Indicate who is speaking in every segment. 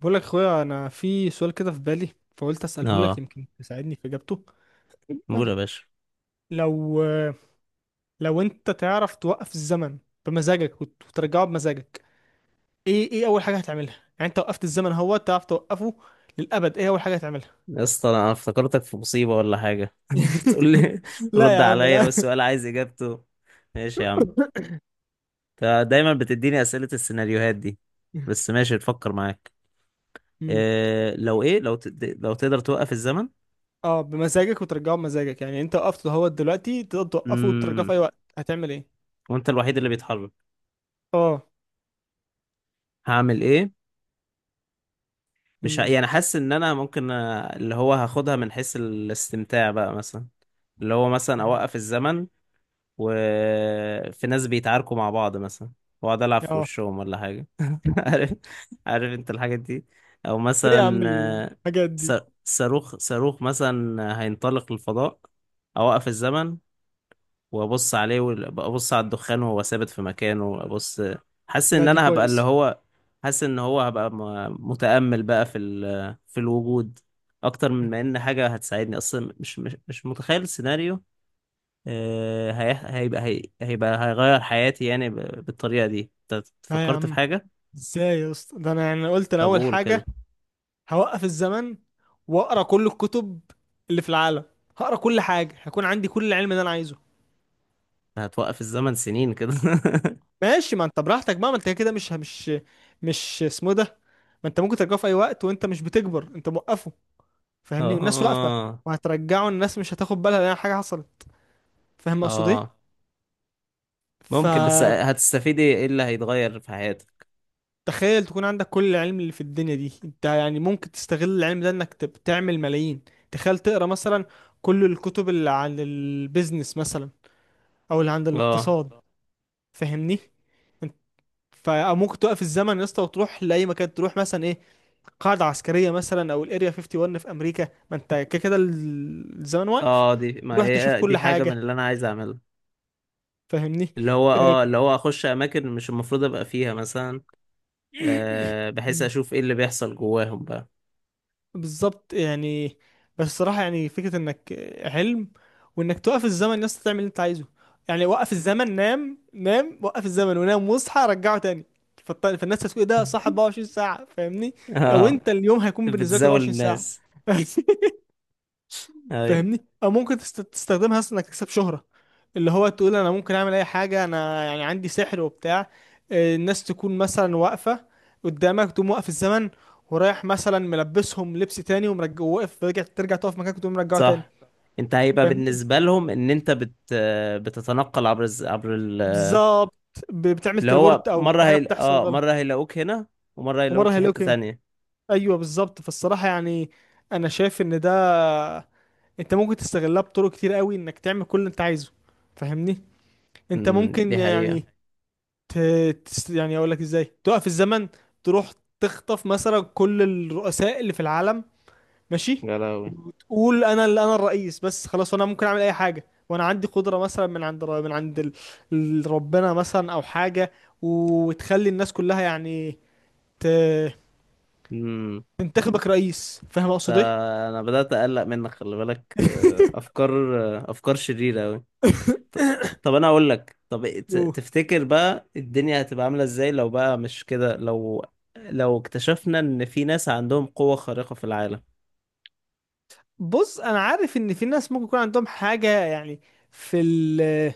Speaker 1: بقول لك اخويا، انا في سؤال كده في بالي فقلت اساله لك
Speaker 2: اه،
Speaker 1: يمكن تساعدني في اجابته.
Speaker 2: قول يا باشا.
Speaker 1: لو لو انت تعرف توقف الزمن بمزاجك وترجعه بمزاجك، ايه اول حاجه هتعملها؟ يعني انت وقفت الزمن اهو، تعرف توقفه للابد. ايه اول حاجه هتعملها؟
Speaker 2: يا اسطى، انا افتكرتك في مصيبة ولا حاجة تقول لي
Speaker 1: لا
Speaker 2: رد
Speaker 1: يا عم،
Speaker 2: عليا
Speaker 1: لا.
Speaker 2: والسؤال عايز اجابته؟ ماشي يا عم. انت دايما بتديني اسئلة السيناريوهات دي، بس ماشي، تفكر معاك.
Speaker 1: امم.
Speaker 2: إيه لو ايه لو تد... لو تقدر توقف الزمن.
Speaker 1: اه، بمزاجك وترجعه بمزاجك، يعني انت وقفته اهو دلوقتي، تقدر توقفه وترجعه في
Speaker 2: امم
Speaker 1: اي وقت. هتعمل ايه؟
Speaker 2: وانت الوحيد اللي بيتحرك،
Speaker 1: اه.
Speaker 2: هعمل ايه؟ مش ه...
Speaker 1: امم.
Speaker 2: يعني حاسس ان انا ممكن، اللي هو هاخدها من حيث الاستمتاع بقى، مثلا اللي هو مثلا اوقف الزمن، وفي ناس بيتعاركوا مع بعض مثلا، واقعد العب في
Speaker 1: اه.
Speaker 2: وشهم ولا حاجه. عارف عارف انت الحاجات دي. او
Speaker 1: ايه يا عم
Speaker 2: مثلا،
Speaker 1: الحاجات
Speaker 2: س-
Speaker 1: دي.
Speaker 2: صاروخ مثلا هينطلق للفضاء، اوقف الزمن وابص عليه، وابص على الدخان وهو ثابت في مكانه، ابص. حاسس
Speaker 1: لا،
Speaker 2: ان
Speaker 1: دي
Speaker 2: انا هبقى اللي
Speaker 1: كويس.
Speaker 2: هو حاسس ان هو هبقى متأمل بقى في الوجود، اكتر من ما ان حاجه هتساعدني. اصلا مش متخيل السيناريو. هيبقى هيغير حياتي يعني بالطريقة دي. انت
Speaker 1: لا يا
Speaker 2: فكرت في
Speaker 1: عم.
Speaker 2: حاجة؟
Speaker 1: ازاي يا اسطى؟ ده انا يعني قلت انا
Speaker 2: طب
Speaker 1: اول
Speaker 2: قول كده.
Speaker 1: حاجه، هوقف الزمن واقرا كل الكتب اللي في العالم. هقرا كل حاجه، هيكون عندي كل العلم اللي انا عايزه.
Speaker 2: هتوقف الزمن سنين كده؟
Speaker 1: ماشي، ما انت براحتك بقى، ما انت كده مش اسمه ده. ما انت ممكن ترجعه في اي وقت وانت مش بتكبر، انت موقفه، فاهمني؟ والناس واقفه،
Speaker 2: اه
Speaker 1: وهترجعه الناس مش هتاخد بالها لان حاجه حصلت. فاهم اقصد ايه؟
Speaker 2: اه.
Speaker 1: ف...
Speaker 2: ممكن، بس هتستفيدي إيه اللي هيتغير في حياتك؟
Speaker 1: تخيل تكون عندك كل العلم اللي في الدنيا دي، انت يعني ممكن تستغل العلم ده انك تعمل ملايين. تخيل تقرا مثلا كل الكتب اللي عن البيزنس مثلا، او اللي عن
Speaker 2: اه
Speaker 1: الاقتصاد. فاهمني؟ انت- فممكن توقف الزمن يا اسطى وتروح لاي مكان، تروح مثلا ايه؟ قاعده عسكريه مثلا، او الاريا 51 في امريكا، ما انت كده كده الزمن واقف.
Speaker 2: اه، دي ما
Speaker 1: تروح تشوف
Speaker 2: هي دي
Speaker 1: كل
Speaker 2: حاجة
Speaker 1: حاجه،
Speaker 2: من اللي انا عايز اعملها.
Speaker 1: فاهمني؟
Speaker 2: اللي هو
Speaker 1: اه،
Speaker 2: اه اللي هو اخش اماكن مش المفروض ابقى فيها مثلا، بحيث اشوف ايه اللي بيحصل جواهم بقى.
Speaker 1: بالظبط يعني. بس الصراحة يعني فكرة انك علم، وانك توقف الزمن الناس تعمل اللي انت عايزه، يعني وقف الزمن نام نام، وقف الزمن ونام واصحى رجعه تاني. فالناس هتقول إيه ده؟ صح 24 ساعة، فاهمني؟ او
Speaker 2: اه،
Speaker 1: انت، اليوم هيكون بالنسبة لك
Speaker 2: بتزاول
Speaker 1: 24 ساعة.
Speaker 2: الناس. اي،
Speaker 1: فاهمني؟ او ممكن تستخدمها اصلا انك تكسب شهرة، اللي هو تقول انا ممكن اعمل اي حاجة، انا يعني عندي سحر وبتاع. الناس تكون مثلا واقفة قدامك، تقوم واقف الزمن، ورايح مثلا ملبسهم لبس تاني، ومرجع واقف رجع، ترجع تقف مكانك وتقوم مرجعه تاني.
Speaker 2: صح. انت هيبقى
Speaker 1: فاهمني.
Speaker 2: بالنسبة لهم ان انت بتتنقل عبر الز... عبر ال...
Speaker 1: بالظبط. بتعمل
Speaker 2: اللي هو
Speaker 1: تليبورت او
Speaker 2: مرة
Speaker 1: في حاجة
Speaker 2: هي...
Speaker 1: بتحصل
Speaker 2: اه
Speaker 1: غلط.
Speaker 2: مرة هيلاقوك هنا، ومرة هيلاقوك
Speaker 1: ومرة
Speaker 2: في حتة
Speaker 1: هيلوكي.
Speaker 2: تانية.
Speaker 1: ايوه بالظبط. فالصراحة يعني، انا شايف ان ده، انت ممكن تستغلها بطرق كتير قوي انك تعمل كل اللي انت عايزه. فاهمني؟ انت ممكن
Speaker 2: دي حقيقة.
Speaker 1: يعني، ت... يعني اقول لك ازاي توقف الزمن، تروح تخطف مثلا كل الرؤساء اللي في العالم. ماشي.
Speaker 2: يا لهوي.
Speaker 1: وتقول انا اللي انا الرئيس بس، خلاص انا ممكن اعمل اي حاجه، وانا عندي قدره مثلا من عند ربنا مثلا او حاجه، وتخلي الناس كلها يعني ت...
Speaker 2: امم
Speaker 1: تنتخبك رئيس. فاهم اقصد ايه؟
Speaker 2: فانا بدأت اقلق منك، خلي بالك. افكار شريرة قوي. طب انا اقول لك، طب
Speaker 1: أوه.
Speaker 2: تفتكر بقى الدنيا هتبقى عاملة ازاي لو بقى مش كده، لو لو اكتشفنا ان في ناس عندهم قوة خارقة في العالم؟
Speaker 1: بص، انا عارف ان في ناس ممكن يكون عندهم حاجه يعني، في ال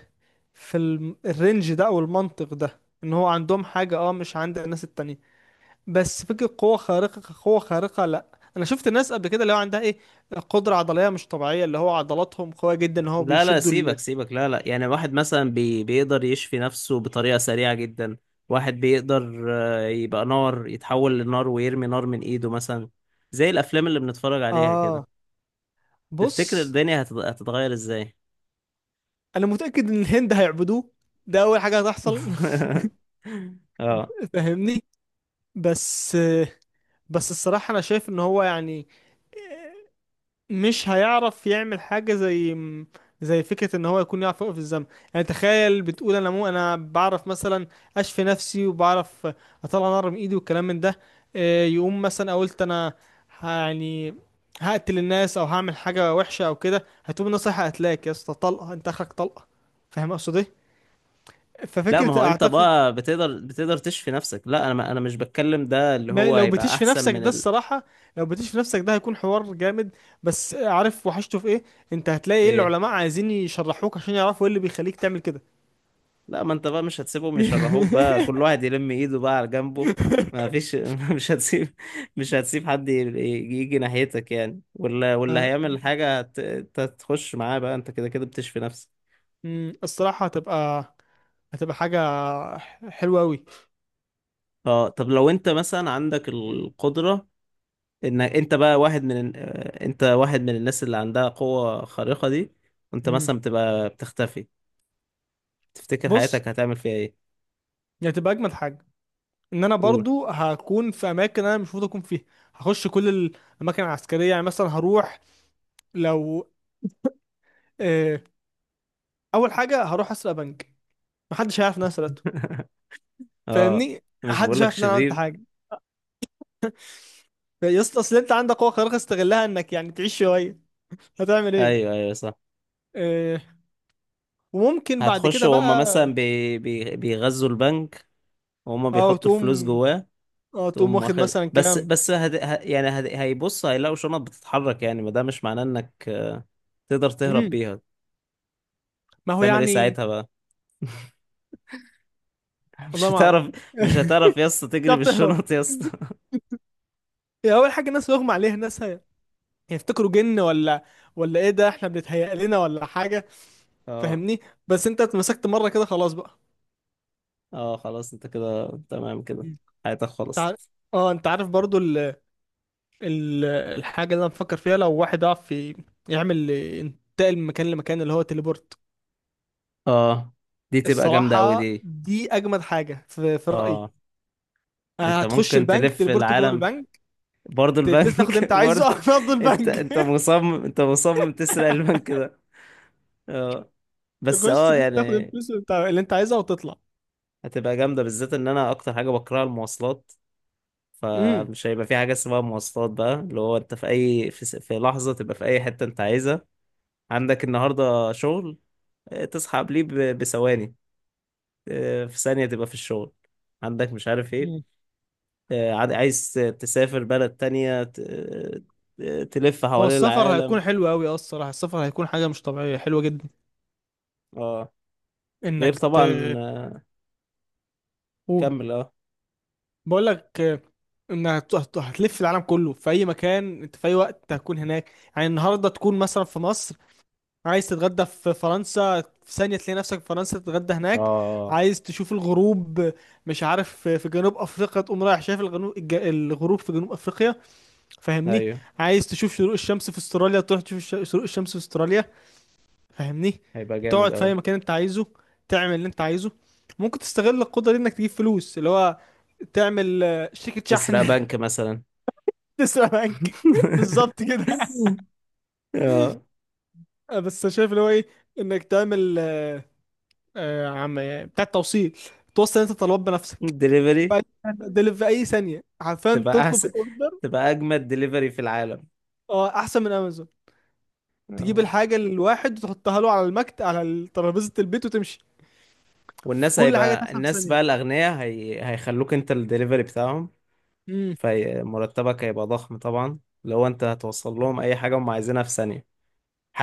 Speaker 1: في الرينج ده او المنطق ده، ان هو عندهم حاجه، اه مش عند الناس التانية. بس فكرة قوة خارقة، قوة خارقة، لا. انا شفت ناس قبل كده اللي هو عندها ايه، قدرة عضلية مش طبيعية، اللي هو عضلاتهم قوية جدا ان هو
Speaker 2: لا لا،
Speaker 1: بيشدوا
Speaker 2: سيبك سيبك، لا لا، يعني واحد مثلا بيقدر يشفي نفسه بطريقة سريعة جدا، واحد بيقدر، يبقى نار، يتحول لنار ويرمي نار من ايده مثلا، زي الافلام اللي بنتفرج عليها كده.
Speaker 1: اه.
Speaker 2: تفتكر
Speaker 1: بص،
Speaker 2: الدنيا هتتغير ازاي؟
Speaker 1: انا متأكد ان الهند هيعبدوه، ده اول حاجة هتحصل.
Speaker 2: اه.
Speaker 1: فاهمني. بس بس الصراحة، انا شايف ان هو يعني، مش هيعرف يعمل حاجة زي فكرة ان هو يكون يعرف يوقف الزمن. يعني تخيل بتقول انا، مو انا بعرف مثلا اشفي نفسي، وبعرف اطلع نار من ايدي والكلام من ده. يقوم مثلا أنا قلت انا يعني هقتل الناس او هعمل حاجة وحشة او كده، هتقوم الناس رايحة قتلاك يا اسطى، طلقة، انت اخرك طلقة. فاهم اقصد ايه؟
Speaker 2: لا، ما
Speaker 1: ففكرة،
Speaker 2: هو انت
Speaker 1: اعتقد.
Speaker 2: بقى بتقدر تشفي نفسك. لا، انا ما انا مش بتكلم، ده اللي
Speaker 1: ما
Speaker 2: هو
Speaker 1: لو
Speaker 2: هيبقى
Speaker 1: بتشفي
Speaker 2: احسن
Speaker 1: نفسك
Speaker 2: من
Speaker 1: ده، الصراحة، لو بتشفي نفسك ده هيكون حوار جامد. بس عارف وحشته في ايه؟ انت هتلاقي ايه،
Speaker 2: إيه؟
Speaker 1: العلماء عايزين يشرحوك عشان يعرفوا ايه اللي بيخليك تعمل كده.
Speaker 2: لا، ما انت بقى مش هتسيبهم يشرحوك بقى، كل واحد يلم ايده بقى على جنبه. ما فيش. مش هتسيب مش هتسيب حد يجي ناحيتك يعني، واللي
Speaker 1: آه،
Speaker 2: هيعمل حاجة انت هتخش معاه بقى، انت كده كده بتشفي نفسك.
Speaker 1: أمم، الصراحة هتبقى حاجة حلوة أوي.
Speaker 2: اه، طب لو انت مثلا عندك القدرة، ان انت بقى واحد من آه، انت واحد من الناس اللي عندها قوة خارقة دي، وانت
Speaker 1: أمم.
Speaker 2: مثلا بتبقى بتختفي، تفتكر
Speaker 1: بص،
Speaker 2: حياتك هتعمل فيها ايه؟
Speaker 1: هي هتبقى أجمد حاجة، إن أنا
Speaker 2: قول.
Speaker 1: برضو هكون في أماكن أنا مش المفروض أكون فيها. هخش كل الأماكن العسكرية، يعني مثلا هروح، لو، آه، أول حاجة هروح أسرق بنك، محدش هيعرف إن أنا سرقته.
Speaker 2: اه،
Speaker 1: فاهمني.
Speaker 2: مش
Speaker 1: حد
Speaker 2: بقولك
Speaker 1: شاف ان انا عملت
Speaker 2: شرير؟
Speaker 1: حاجه؟ يا اسطى، اصل انت عندك قوه خارقه، استغلها انك يعني تعيش شويه. هتعمل ايه؟
Speaker 2: ايوه ايوه، صح.
Speaker 1: آه. وممكن بعد
Speaker 2: هتخش
Speaker 1: كده
Speaker 2: وهم
Speaker 1: بقى،
Speaker 2: مثلا بيغذوا البنك، وهم
Speaker 1: اه
Speaker 2: بيحطوا الفلوس
Speaker 1: تقوم
Speaker 2: جواه، تقوم
Speaker 1: واخد
Speaker 2: واخد.
Speaker 1: مثلا كام.
Speaker 2: يعني هيبص، هيلاقوا شنط بتتحرك يعني. ما ده مش معناه انك تقدر تهرب
Speaker 1: امم
Speaker 2: بيها.
Speaker 1: ما هو
Speaker 2: تعمل ايه
Speaker 1: يعني.
Speaker 2: ساعتها بقى؟ مش
Speaker 1: والله ما اعرف.
Speaker 2: هتعرف مش
Speaker 1: مش
Speaker 2: هتعرف يا اسطى تجري
Speaker 1: هتعرف تهرب.
Speaker 2: بالشنط يا اسطى.
Speaker 1: هي اول حاجه الناس بيغمى عليها، الناس هيفتكروا جن، ولا ايه ده، احنا بنتهيأ لنا ولا حاجه؟
Speaker 2: اه
Speaker 1: فاهمني. بس انت اتمسكت مره كده، خلاص بقى.
Speaker 2: اه، خلاص انت كده تمام كده،
Speaker 1: مم.
Speaker 2: حياتك
Speaker 1: انت عارف.
Speaker 2: خلصت.
Speaker 1: اه، انت عارف برضو، الحاجة اللي أنا بفكر فيها، لو واحد يعرف يعمل ينتقل من مكان لمكان، اللي هو تليبورت.
Speaker 2: اه، دي تبقى جامدة أوي
Speaker 1: الصراحة
Speaker 2: دي.
Speaker 1: دي أجمد حاجة في رأيي.
Speaker 2: اه، انت
Speaker 1: هتخش
Speaker 2: ممكن
Speaker 1: البنك،
Speaker 2: تلف
Speaker 1: تليبورت جوه
Speaker 2: العالم.
Speaker 1: البنك،
Speaker 2: برضه
Speaker 1: تاخد اللي
Speaker 2: البنك.
Speaker 1: أنت عايزه على
Speaker 2: برضه.
Speaker 1: أرض
Speaker 2: انت
Speaker 1: البنك.
Speaker 2: انت مصمم انت مصمم تسرق البنك ده. اه، بس
Speaker 1: تخش
Speaker 2: اه
Speaker 1: تاخد
Speaker 2: يعني،
Speaker 1: الفلوس اللي أنت عايزها وتطلع.
Speaker 2: هتبقى جامدة، بالذات ان انا اكتر حاجة بكرهها المواصلات.
Speaker 1: امم.
Speaker 2: فمش هيبقى في حاجة اسمها مواصلات بقى، اللي هو انت في لحظة تبقى في اي حتة انت عايزها. عندك النهاردة شغل، اه، تصحى قبليه بثواني، اه، في ثانية تبقى في الشغل. عندك مش عارف ايه،
Speaker 1: أمم.
Speaker 2: عايز تسافر بلد تانية، تلف
Speaker 1: هو
Speaker 2: حوالين
Speaker 1: السفر هيكون
Speaker 2: العالم.
Speaker 1: حلو أوي. الصراحة السفر هيكون حاجة مش طبيعية حلوة جدا.
Speaker 2: اه، غير
Speaker 1: إنك
Speaker 2: طبعا.
Speaker 1: قول.
Speaker 2: كمل اه.
Speaker 1: بقول لك ان هتلف العالم كله، في اي مكان انت، في اي وقت هتكون هناك. يعني النهارده تكون مثلا في مصر، عايز تتغدى في فرنسا، في ثانيه تلاقي نفسك في فرنسا تتغدى
Speaker 2: اه
Speaker 1: هناك.
Speaker 2: آه.
Speaker 1: عايز تشوف الغروب، مش عارف في جنوب افريقيا، تقوم رايح شايف الغروب في جنوب افريقيا. فاهمني.
Speaker 2: ايوه،
Speaker 1: عايز تشوف شروق الشمس في استراليا، تروح تشوف شروق الشمس في استراليا. فاهمني؟
Speaker 2: هيبقى جامد
Speaker 1: تقعد في
Speaker 2: قوي.
Speaker 1: اي مكان انت عايزه، تعمل اللي انت عايزه. ممكن تستغل القدره دي انك تجيب فلوس، اللي هو تعمل، شركة
Speaker 2: تسرق
Speaker 1: شحن.
Speaker 2: بنك مثلا.
Speaker 1: تسلا بنك. بالظبط كده.
Speaker 2: اه،
Speaker 1: بس شايف اللي هو ايه، انك تعمل، عم يعني بتاع التوصيل، توصل انت طلبات بنفسك،
Speaker 2: دليفري.
Speaker 1: في اي ثانيه، عارفين
Speaker 2: تبقى
Speaker 1: تطلب
Speaker 2: احسن،
Speaker 1: الاوردر.
Speaker 2: تبقى اجمد دليفري في العالم.
Speaker 1: اه، احسن من امازون. تجيب
Speaker 2: اه،
Speaker 1: الحاجه للواحد وتحطها له على ترابيزه البيت وتمشي. في
Speaker 2: والناس،
Speaker 1: كل حاجه
Speaker 2: هيبقى
Speaker 1: تحصل في
Speaker 2: الناس بقى
Speaker 1: ثانيه.
Speaker 2: الاغنياء هيخلوك انت الدليفري بتاعهم.
Speaker 1: امم.
Speaker 2: فمرتبك هيبقى ضخم طبعا لو انت هتوصل لهم اي حاجه هم عايزينها في ثانيه.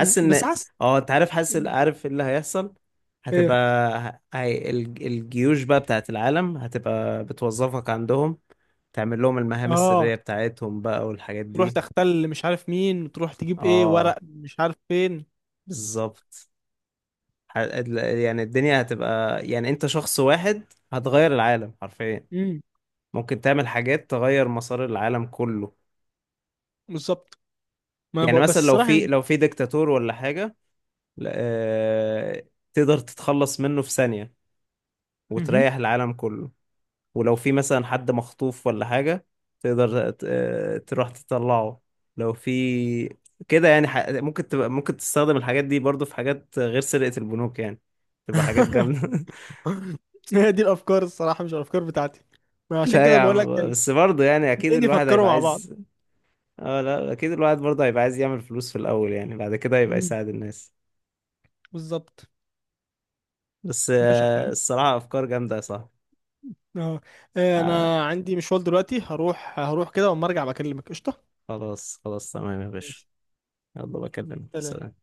Speaker 1: أمم.
Speaker 2: ان،
Speaker 1: بس حاسس.
Speaker 2: اه انت عارف، عارف إيه اللي هيحصل. هتبقى
Speaker 1: ايه.
Speaker 2: الجيوش بقى بتاعت العالم هتبقى بتوظفك عندهم، تعمل لهم المهام
Speaker 1: اه.
Speaker 2: السرية بتاعتهم بقى والحاجات
Speaker 1: تروح
Speaker 2: دي.
Speaker 1: تختل مش عارف مين، وتروح تجيب ايه،
Speaker 2: اه،
Speaker 1: ورق مش عارف فين.
Speaker 2: بالظبط. يعني الدنيا هتبقى، يعني انت شخص واحد هتغير العالم حرفيا،
Speaker 1: امم.
Speaker 2: ممكن تعمل حاجات تغير مسار العالم كله.
Speaker 1: بالظبط. ما بق...
Speaker 2: يعني
Speaker 1: بس
Speaker 2: مثلا
Speaker 1: الصراحه يعني.
Speaker 2: لو في ديكتاتور ولا حاجة، لا- آه، تقدر تتخلص منه في ثانية
Speaker 1: مهم.
Speaker 2: وتريح العالم كله. ولو في مثلا حد مخطوف ولا حاجة، تقدر تروح تطلعه. لو في كده يعني، ح... ممكن تبقى ممكن تستخدم الحاجات دي برضو في حاجات غير سرقة البنوك يعني، تبقى حاجات جامدة.
Speaker 1: هي دي الافكار الصراحه، مش الافكار بتاعتي، ما عشان
Speaker 2: لا
Speaker 1: كده
Speaker 2: يا
Speaker 1: بقول لك
Speaker 2: عم،
Speaker 1: يعني.
Speaker 2: بس برضه يعني أكيد
Speaker 1: اتنين
Speaker 2: الواحد
Speaker 1: يفكروا
Speaker 2: هيبقى
Speaker 1: مع بعض.
Speaker 2: عايز. اه لا، أكيد الواحد برضه هيبقى عايز يعمل فلوس في الأول، يعني بعد كده هيبقى
Speaker 1: مم.
Speaker 2: يساعد الناس.
Speaker 1: بالظبط.
Speaker 2: بس
Speaker 1: ماشي يا اخويا.
Speaker 2: الصراحة أفكار جامدة يا صاحبي.
Speaker 1: اه.
Speaker 2: آه،
Speaker 1: انا عندي مشوار دلوقتي، هروح هروح كده، واما ارجع بكلمك قشطه.
Speaker 2: خلاص خلاص، تمام يا باشا.
Speaker 1: ماشي.
Speaker 2: يلا بكلمك،
Speaker 1: سلام.
Speaker 2: سلام.